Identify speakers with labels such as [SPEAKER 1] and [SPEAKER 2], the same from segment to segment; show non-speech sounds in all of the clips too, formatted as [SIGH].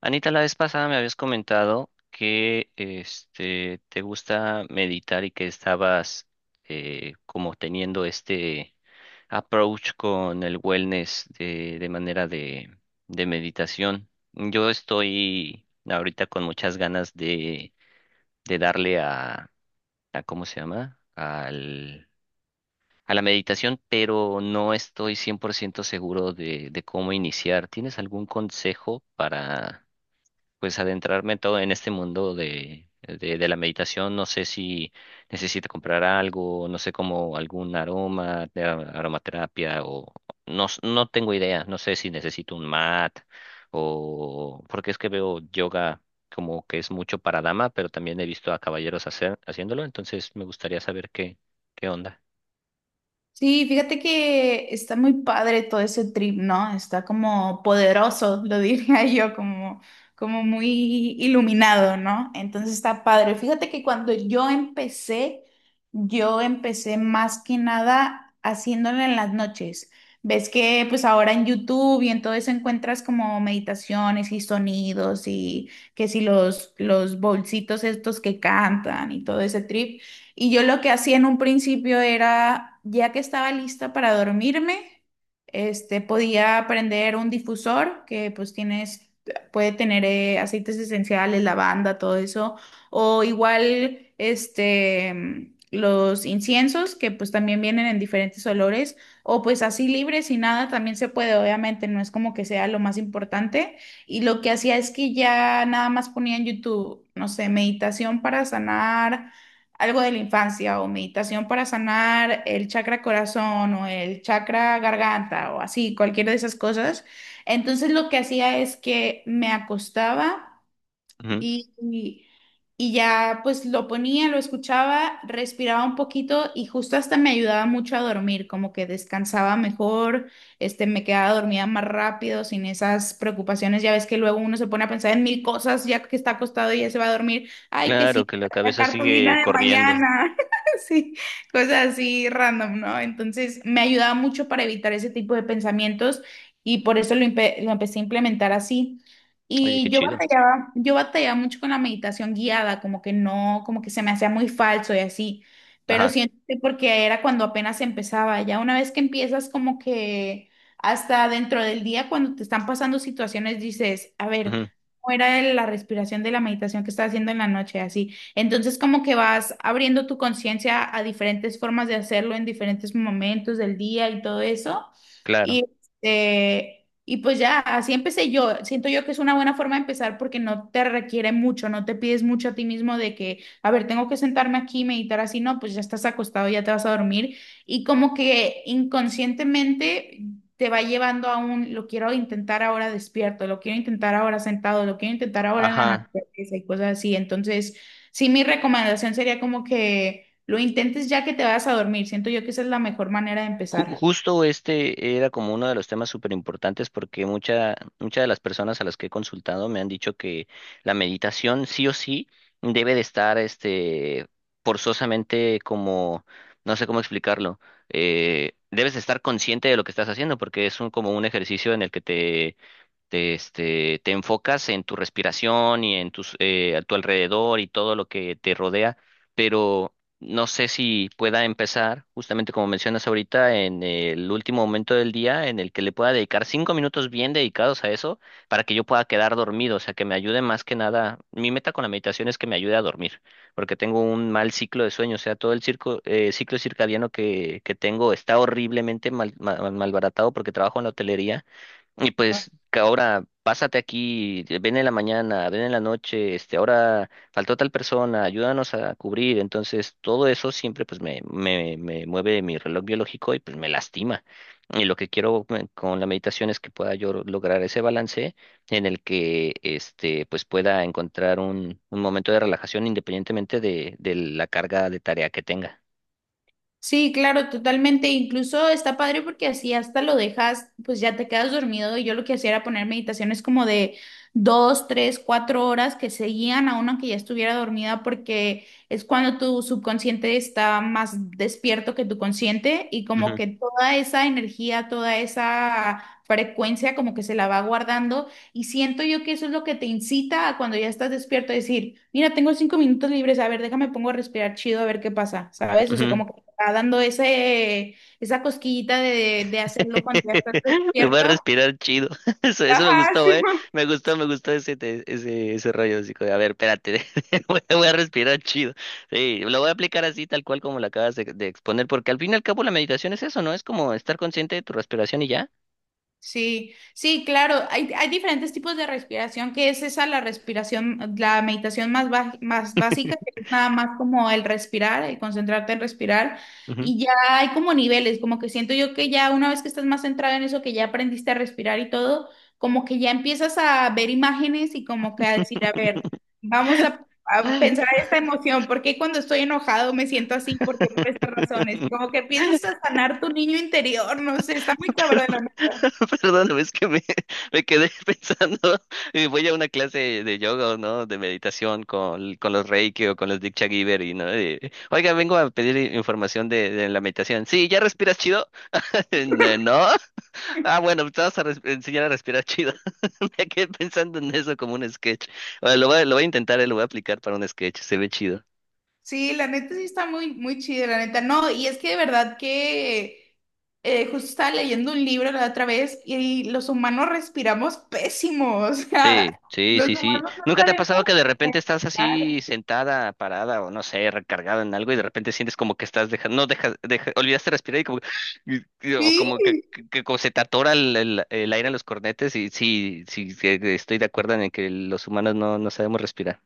[SPEAKER 1] Anita, la vez pasada me habías comentado que este te gusta meditar y que estabas como teniendo este approach con el wellness de manera de meditación. Yo estoy ahorita con muchas ganas de darle a ¿cómo se llama? Al, a la meditación, pero no estoy 100% seguro de cómo iniciar. ¿Tienes algún consejo para pues adentrarme todo en este mundo de la meditación? No sé si necesito comprar algo, no sé como algún aroma, de aromaterapia o no, no tengo idea. No sé si necesito un mat o porque es que veo yoga como que es mucho para dama, pero también he visto a caballeros haciéndolo, entonces me gustaría saber qué onda.
[SPEAKER 2] Sí, fíjate que está muy padre todo ese trip, ¿no? Está como poderoso, lo diría [LAUGHS] yo, como, como muy iluminado, ¿no? Entonces está padre. Fíjate que cuando yo empecé más que nada haciéndolo en las noches. Ves que pues ahora en YouTube y en todo eso encuentras como meditaciones y sonidos y que si los bolsitos estos que cantan y todo ese trip. Y yo lo que hacía en un principio era, ya que estaba lista para dormirme, podía prender un difusor que pues tienes, puede tener aceites esenciales, lavanda, todo eso, o igual, los inciensos que pues también vienen en diferentes olores, o pues así libres y nada, también se puede, obviamente, no es como que sea lo más importante. Y lo que hacía es que ya nada más ponía en YouTube, no sé, meditación para sanar algo de la infancia o meditación para sanar el chakra corazón o el chakra garganta o así, cualquiera de esas cosas. Entonces lo que hacía es que me acostaba
[SPEAKER 1] Ujú.
[SPEAKER 2] y, y- y ya pues lo ponía, lo escuchaba, respiraba un poquito y justo hasta me ayudaba mucho a dormir, como que descansaba mejor, me quedaba dormida más rápido, sin esas preocupaciones. Ya ves que luego uno se pone a pensar en mil cosas ya que está acostado y ya se va a dormir. Ay, que
[SPEAKER 1] Claro,
[SPEAKER 2] sí,
[SPEAKER 1] que la
[SPEAKER 2] la
[SPEAKER 1] cabeza sigue
[SPEAKER 2] cartulina de
[SPEAKER 1] corriendo.
[SPEAKER 2] mañana. [LAUGHS] Sí, cosas así random, ¿no? Entonces me ayudaba mucho para evitar ese tipo de pensamientos y por eso lo empecé a implementar así.
[SPEAKER 1] Oye, qué
[SPEAKER 2] Y
[SPEAKER 1] chido.
[SPEAKER 2] yo batallaba mucho con la meditación guiada, como que no, como que se me hacía muy falso y así. Pero
[SPEAKER 1] Ajá,
[SPEAKER 2] siento que porque era cuando apenas empezaba, ya una vez que empiezas como que hasta dentro del día cuando te están pasando situaciones dices, a ver,
[SPEAKER 1] ujú,
[SPEAKER 2] ¿cómo era la respiración de la meditación que estaba haciendo en la noche? Así. Entonces como que vas abriendo tu conciencia a diferentes formas de hacerlo en diferentes momentos del día y todo eso.
[SPEAKER 1] claro.
[SPEAKER 2] Y este, y pues ya, así empecé yo. Siento yo que es una buena forma de empezar porque no te requiere mucho, no te pides mucho a ti mismo de que, a ver, tengo que sentarme aquí y meditar así, no, pues ya estás acostado, ya te vas a dormir. Y como que inconscientemente te va llevando a un, lo quiero intentar ahora despierto, lo quiero intentar ahora sentado, lo quiero intentar ahora en la
[SPEAKER 1] Ajá.
[SPEAKER 2] naturaleza y cosas así. Entonces, sí, mi recomendación sería como que lo intentes ya que te vas a dormir. Siento yo que esa es la mejor manera de empezar.
[SPEAKER 1] Justo este era como uno de los temas súper importantes porque muchas de las personas a las que he consultado me han dicho que la meditación sí o sí debe de estar este, forzosamente como, no sé cómo explicarlo, debes de estar consciente de lo que estás haciendo porque es un, como un ejercicio en el que este, te enfocas en tu respiración y en tus, a tu alrededor y todo lo que te rodea, pero no sé si pueda empezar, justamente como mencionas ahorita, en el último momento del día en el que le pueda dedicar 5 minutos bien dedicados a eso para que yo pueda quedar dormido, o sea, que me ayude más que nada. Mi meta con la meditación es que me ayude a dormir, porque tengo un mal ciclo de sueño, o sea, todo el circo, ciclo circadiano que tengo está horriblemente mal, malbaratado porque trabajo en la hotelería y pues que ahora pásate aquí, ven en la mañana, ven en la noche, este, ahora faltó tal persona, ayúdanos a cubrir. Entonces, todo eso siempre pues me mueve mi reloj biológico y pues me lastima. Y lo que quiero con la meditación es que pueda yo lograr ese balance en el que este pues pueda encontrar un momento de relajación independientemente de la carga de tarea que tenga.
[SPEAKER 2] Sí, claro, totalmente. Incluso está padre porque así hasta lo dejas, pues ya te quedas dormido. Y yo lo que hacía era poner meditaciones como de dos, tres, cuatro horas que seguían a uno que ya estuviera dormida porque es cuando tu subconsciente está más despierto que tu consciente y como
[SPEAKER 1] Ujú,
[SPEAKER 2] que toda esa energía, toda esa frecuencia como que se la va guardando y siento yo que eso es lo que te incita a cuando ya estás despierto a decir, mira, tengo cinco minutos libres, a ver, déjame pongo a respirar chido, a ver qué pasa, ¿sabes? O sea,
[SPEAKER 1] ujú.
[SPEAKER 2] como que te va dando ese, esa cosquillita de hacerlo cuando ya estás
[SPEAKER 1] [LAUGHS] Me voy a
[SPEAKER 2] despierto.
[SPEAKER 1] respirar chido. [LAUGHS] Eso me gustó, eh. Me gustó ese, ese, ese rollo. Así como, a ver, espérate, [LAUGHS] voy a respirar chido. Sí, lo voy a aplicar así, tal cual como lo acabas de exponer, porque al fin y al cabo la meditación es eso, ¿no? Es como estar consciente de tu respiración y ya.
[SPEAKER 2] Sí, sí, claro, hay diferentes tipos de respiración, que es esa la respiración, la meditación más, más básica, que es nada más como el respirar, el concentrarte en respirar, y ya hay como niveles, como que siento yo que ya una vez que estás más centrado en eso, que ya aprendiste a respirar y todo, como que ya empiezas a ver imágenes y como que a decir, a ver, a
[SPEAKER 1] Ujú.
[SPEAKER 2] pensar esta emoción, porque cuando estoy enojado me siento así. Porque ¿Por qué? Por estas razones. Y como que empiezas a sanar tu niño interior, no sé, está
[SPEAKER 1] [LAUGHS] [LAUGHS]
[SPEAKER 2] muy cabrón.
[SPEAKER 1] [LAUGHS] Perdón, es que me quedé [LAUGHS] pensando, voy a una clase de yoga, ¿no? De meditación con los Reiki o con los Diksha Giver y, ¿no? Oiga, vengo a pedir información de la meditación. Sí, ¿ya respiras chido? [LAUGHS] ¿No? Ah, bueno, te vas a enseñar a respirar chido. [LAUGHS] Me quedé pensando en eso como un sketch. Bueno, lo voy, lo voy a intentar, lo voy a aplicar para un sketch, se ve chido.
[SPEAKER 2] Sí, la neta sí está muy, muy chida, la neta. No, y es que de verdad que justo estaba leyendo un libro la otra vez y los humanos respiramos pésimo. [LAUGHS] O
[SPEAKER 1] Sí,
[SPEAKER 2] sea,
[SPEAKER 1] sí,
[SPEAKER 2] los
[SPEAKER 1] sí, sí.
[SPEAKER 2] humanos no
[SPEAKER 1] ¿Nunca te ha
[SPEAKER 2] sabemos
[SPEAKER 1] pasado que de repente estás así
[SPEAKER 2] respirar.
[SPEAKER 1] sentada, parada o no sé, recargada en algo y de repente sientes como que estás dejando, no dejas, olvidaste respirar y como, o
[SPEAKER 2] Sí.
[SPEAKER 1] como que como se te atora el, el aire en los cornetes y sí, sí, sí, estoy de acuerdo en que los humanos no, no sabemos respirar.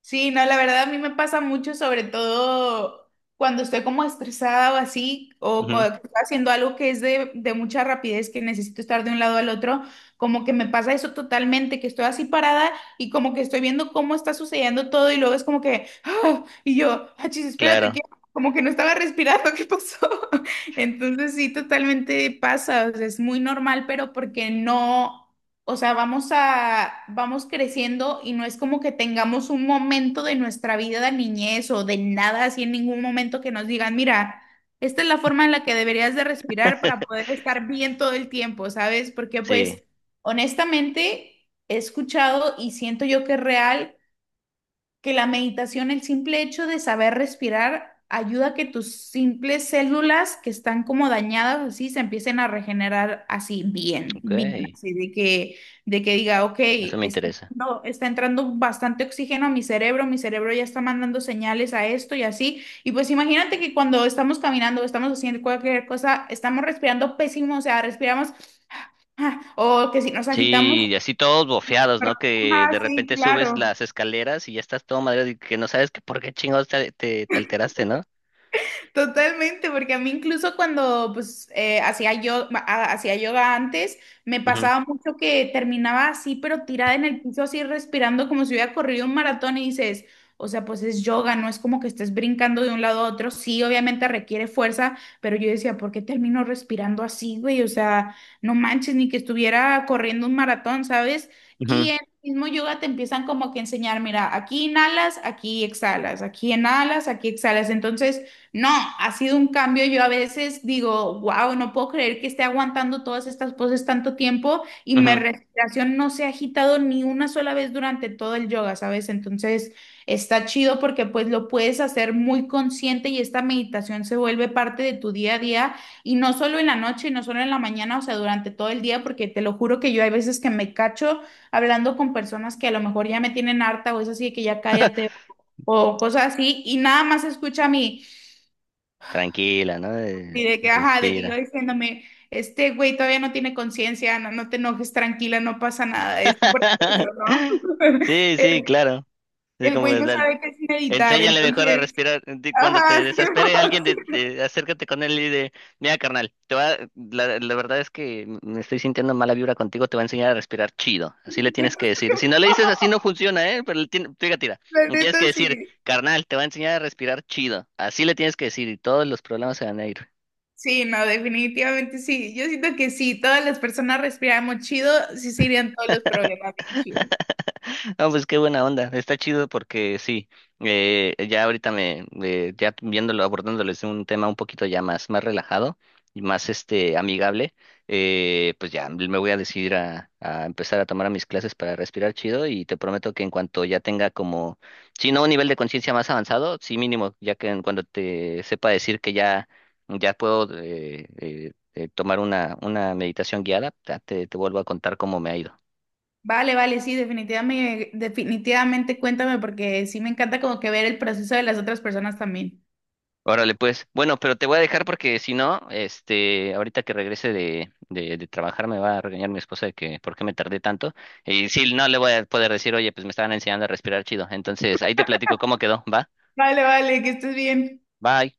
[SPEAKER 2] Sí, no, la verdad a mí me pasa mucho, sobre todo cuando estoy como estresada o así, o
[SPEAKER 1] Ujú,
[SPEAKER 2] cuando estoy haciendo algo que es de mucha rapidez, que necesito estar de un lado al otro, como que me pasa eso totalmente, que estoy así parada y como que estoy viendo cómo está sucediendo todo y luego es como que, "Ah", y yo, achis, espérate, que
[SPEAKER 1] claro,
[SPEAKER 2] como que no estaba respirando, [LAUGHS] ¿qué pasó? [LAUGHS] Entonces sí, totalmente pasa, o sea, es muy normal, pero porque no, o sea, vamos creciendo y no es como que tengamos un momento de nuestra vida de niñez o de nada, así en ningún momento que nos digan, mira, esta es la forma en la que deberías de respirar para
[SPEAKER 1] [LAUGHS]
[SPEAKER 2] poder estar bien todo el tiempo, ¿sabes? Porque
[SPEAKER 1] sí,
[SPEAKER 2] pues honestamente he escuchado y siento yo que es real que la meditación, el simple hecho de saber respirar, ayuda a que tus simples células que están como dañadas así se empiecen a regenerar así bien,
[SPEAKER 1] ok,
[SPEAKER 2] bien, así de que diga, ok,
[SPEAKER 1] eso me interesa.
[SPEAKER 2] está entrando bastante oxígeno a mi cerebro ya está mandando señales a esto y así. Y pues imagínate que cuando estamos caminando, estamos haciendo cualquier cosa, estamos respirando pésimo, o sea, respiramos, ah, o que si nos agitamos,
[SPEAKER 1] Sí, y así todos bofeados,
[SPEAKER 2] pero,
[SPEAKER 1] ¿no? Que de
[SPEAKER 2] ah, sí,
[SPEAKER 1] repente subes
[SPEAKER 2] claro.
[SPEAKER 1] las escaleras y ya estás todo madreado y que no sabes que por qué chingados te, te alteraste, ¿no?
[SPEAKER 2] Totalmente, porque a mí incluso cuando pues hacía yoga antes, me
[SPEAKER 1] Ujú,
[SPEAKER 2] pasaba mucho que terminaba así, pero tirada en el piso, así respirando como si hubiera corrido un maratón y dices, o sea, pues es yoga, no es como que estés brincando de un lado a otro, sí, obviamente requiere fuerza, pero yo decía, ¿por qué termino respirando así, güey? O sea, no manches, ni que estuviera corriendo un maratón, ¿sabes? Y
[SPEAKER 1] ujú,
[SPEAKER 2] en el mismo yoga te empiezan como que a enseñar, mira, aquí inhalas, aquí exhalas, aquí inhalas, aquí exhalas, entonces no, ha sido un cambio. Yo a veces digo, wow, no puedo creer que esté aguantando todas estas poses tanto tiempo y mi
[SPEAKER 1] ujú.
[SPEAKER 2] respiración no se ha agitado ni una sola vez durante todo el yoga, ¿sabes? Entonces está chido porque pues lo puedes hacer muy consciente y esta meditación se vuelve parte de tu día a día y no solo en la noche y no solo en la mañana, o sea, durante todo el día, porque te lo juro que yo hay veces que me cacho hablando con personas que a lo mejor ya me tienen harta o es así de que ya cállate o cosas así y nada más escucha a mí.
[SPEAKER 1] Tranquila, ¿no?
[SPEAKER 2] Y de que, ajá, de que yo
[SPEAKER 1] Respira.
[SPEAKER 2] diciéndome, este güey todavía no tiene conciencia, no, no te enojes, tranquila, no pasa nada, es un proceso, ¿no?
[SPEAKER 1] [LAUGHS]
[SPEAKER 2] [LAUGHS]
[SPEAKER 1] Sí,
[SPEAKER 2] El,
[SPEAKER 1] sí, claro. Es
[SPEAKER 2] el
[SPEAKER 1] como
[SPEAKER 2] güey no sabe qué es meditar,
[SPEAKER 1] enséñale mejor a
[SPEAKER 2] entonces,
[SPEAKER 1] respirar. Cuando te
[SPEAKER 2] ajá, [LAUGHS] Simón,
[SPEAKER 1] desespere alguien,
[SPEAKER 2] Simón.
[SPEAKER 1] acércate con él y de, mira, carnal, la, la verdad es que me estoy sintiendo mala vibra contigo, te va a enseñar a respirar chido. Así le tienes que decir. Si no le dices así no funciona, ¿eh? Pero fíjate, mira,
[SPEAKER 2] La
[SPEAKER 1] le tienes que
[SPEAKER 2] neta,
[SPEAKER 1] decir,
[SPEAKER 2] sí.
[SPEAKER 1] carnal, te va a enseñar a respirar chido. Así le tienes que decir y todos los problemas se van a ir.
[SPEAKER 2] Sí, no, definitivamente sí. Yo siento que sí, todas las personas respiramos chido, sí se irían todos los problemas bien chido.
[SPEAKER 1] No, pues qué buena onda. Está chido porque sí, ya ahorita me, ya viéndolo, abordándolo desde un tema un poquito ya más relajado y más este amigable, pues ya me voy a decidir a empezar a tomar mis clases para respirar chido y te prometo que en cuanto ya tenga como, si no un nivel de conciencia más avanzado, sí mínimo, ya que en cuando te sepa decir que ya, ya puedo tomar una meditación guiada, ya te vuelvo a contar cómo me ha ido.
[SPEAKER 2] Vale, vale, sí, definitivamente, definitivamente cuéntame porque sí me encanta como que ver el proceso de las otras personas también.
[SPEAKER 1] Órale, pues. Bueno, pero te voy a dejar porque si no, este, ahorita que regrese de trabajar me va a regañar mi esposa de que por qué me tardé tanto. Y sí, no le voy a poder decir, oye, pues me estaban enseñando a respirar chido. Entonces, ahí te platico cómo quedó, ¿va?
[SPEAKER 2] Vale, vale, que estés bien.
[SPEAKER 1] Bye.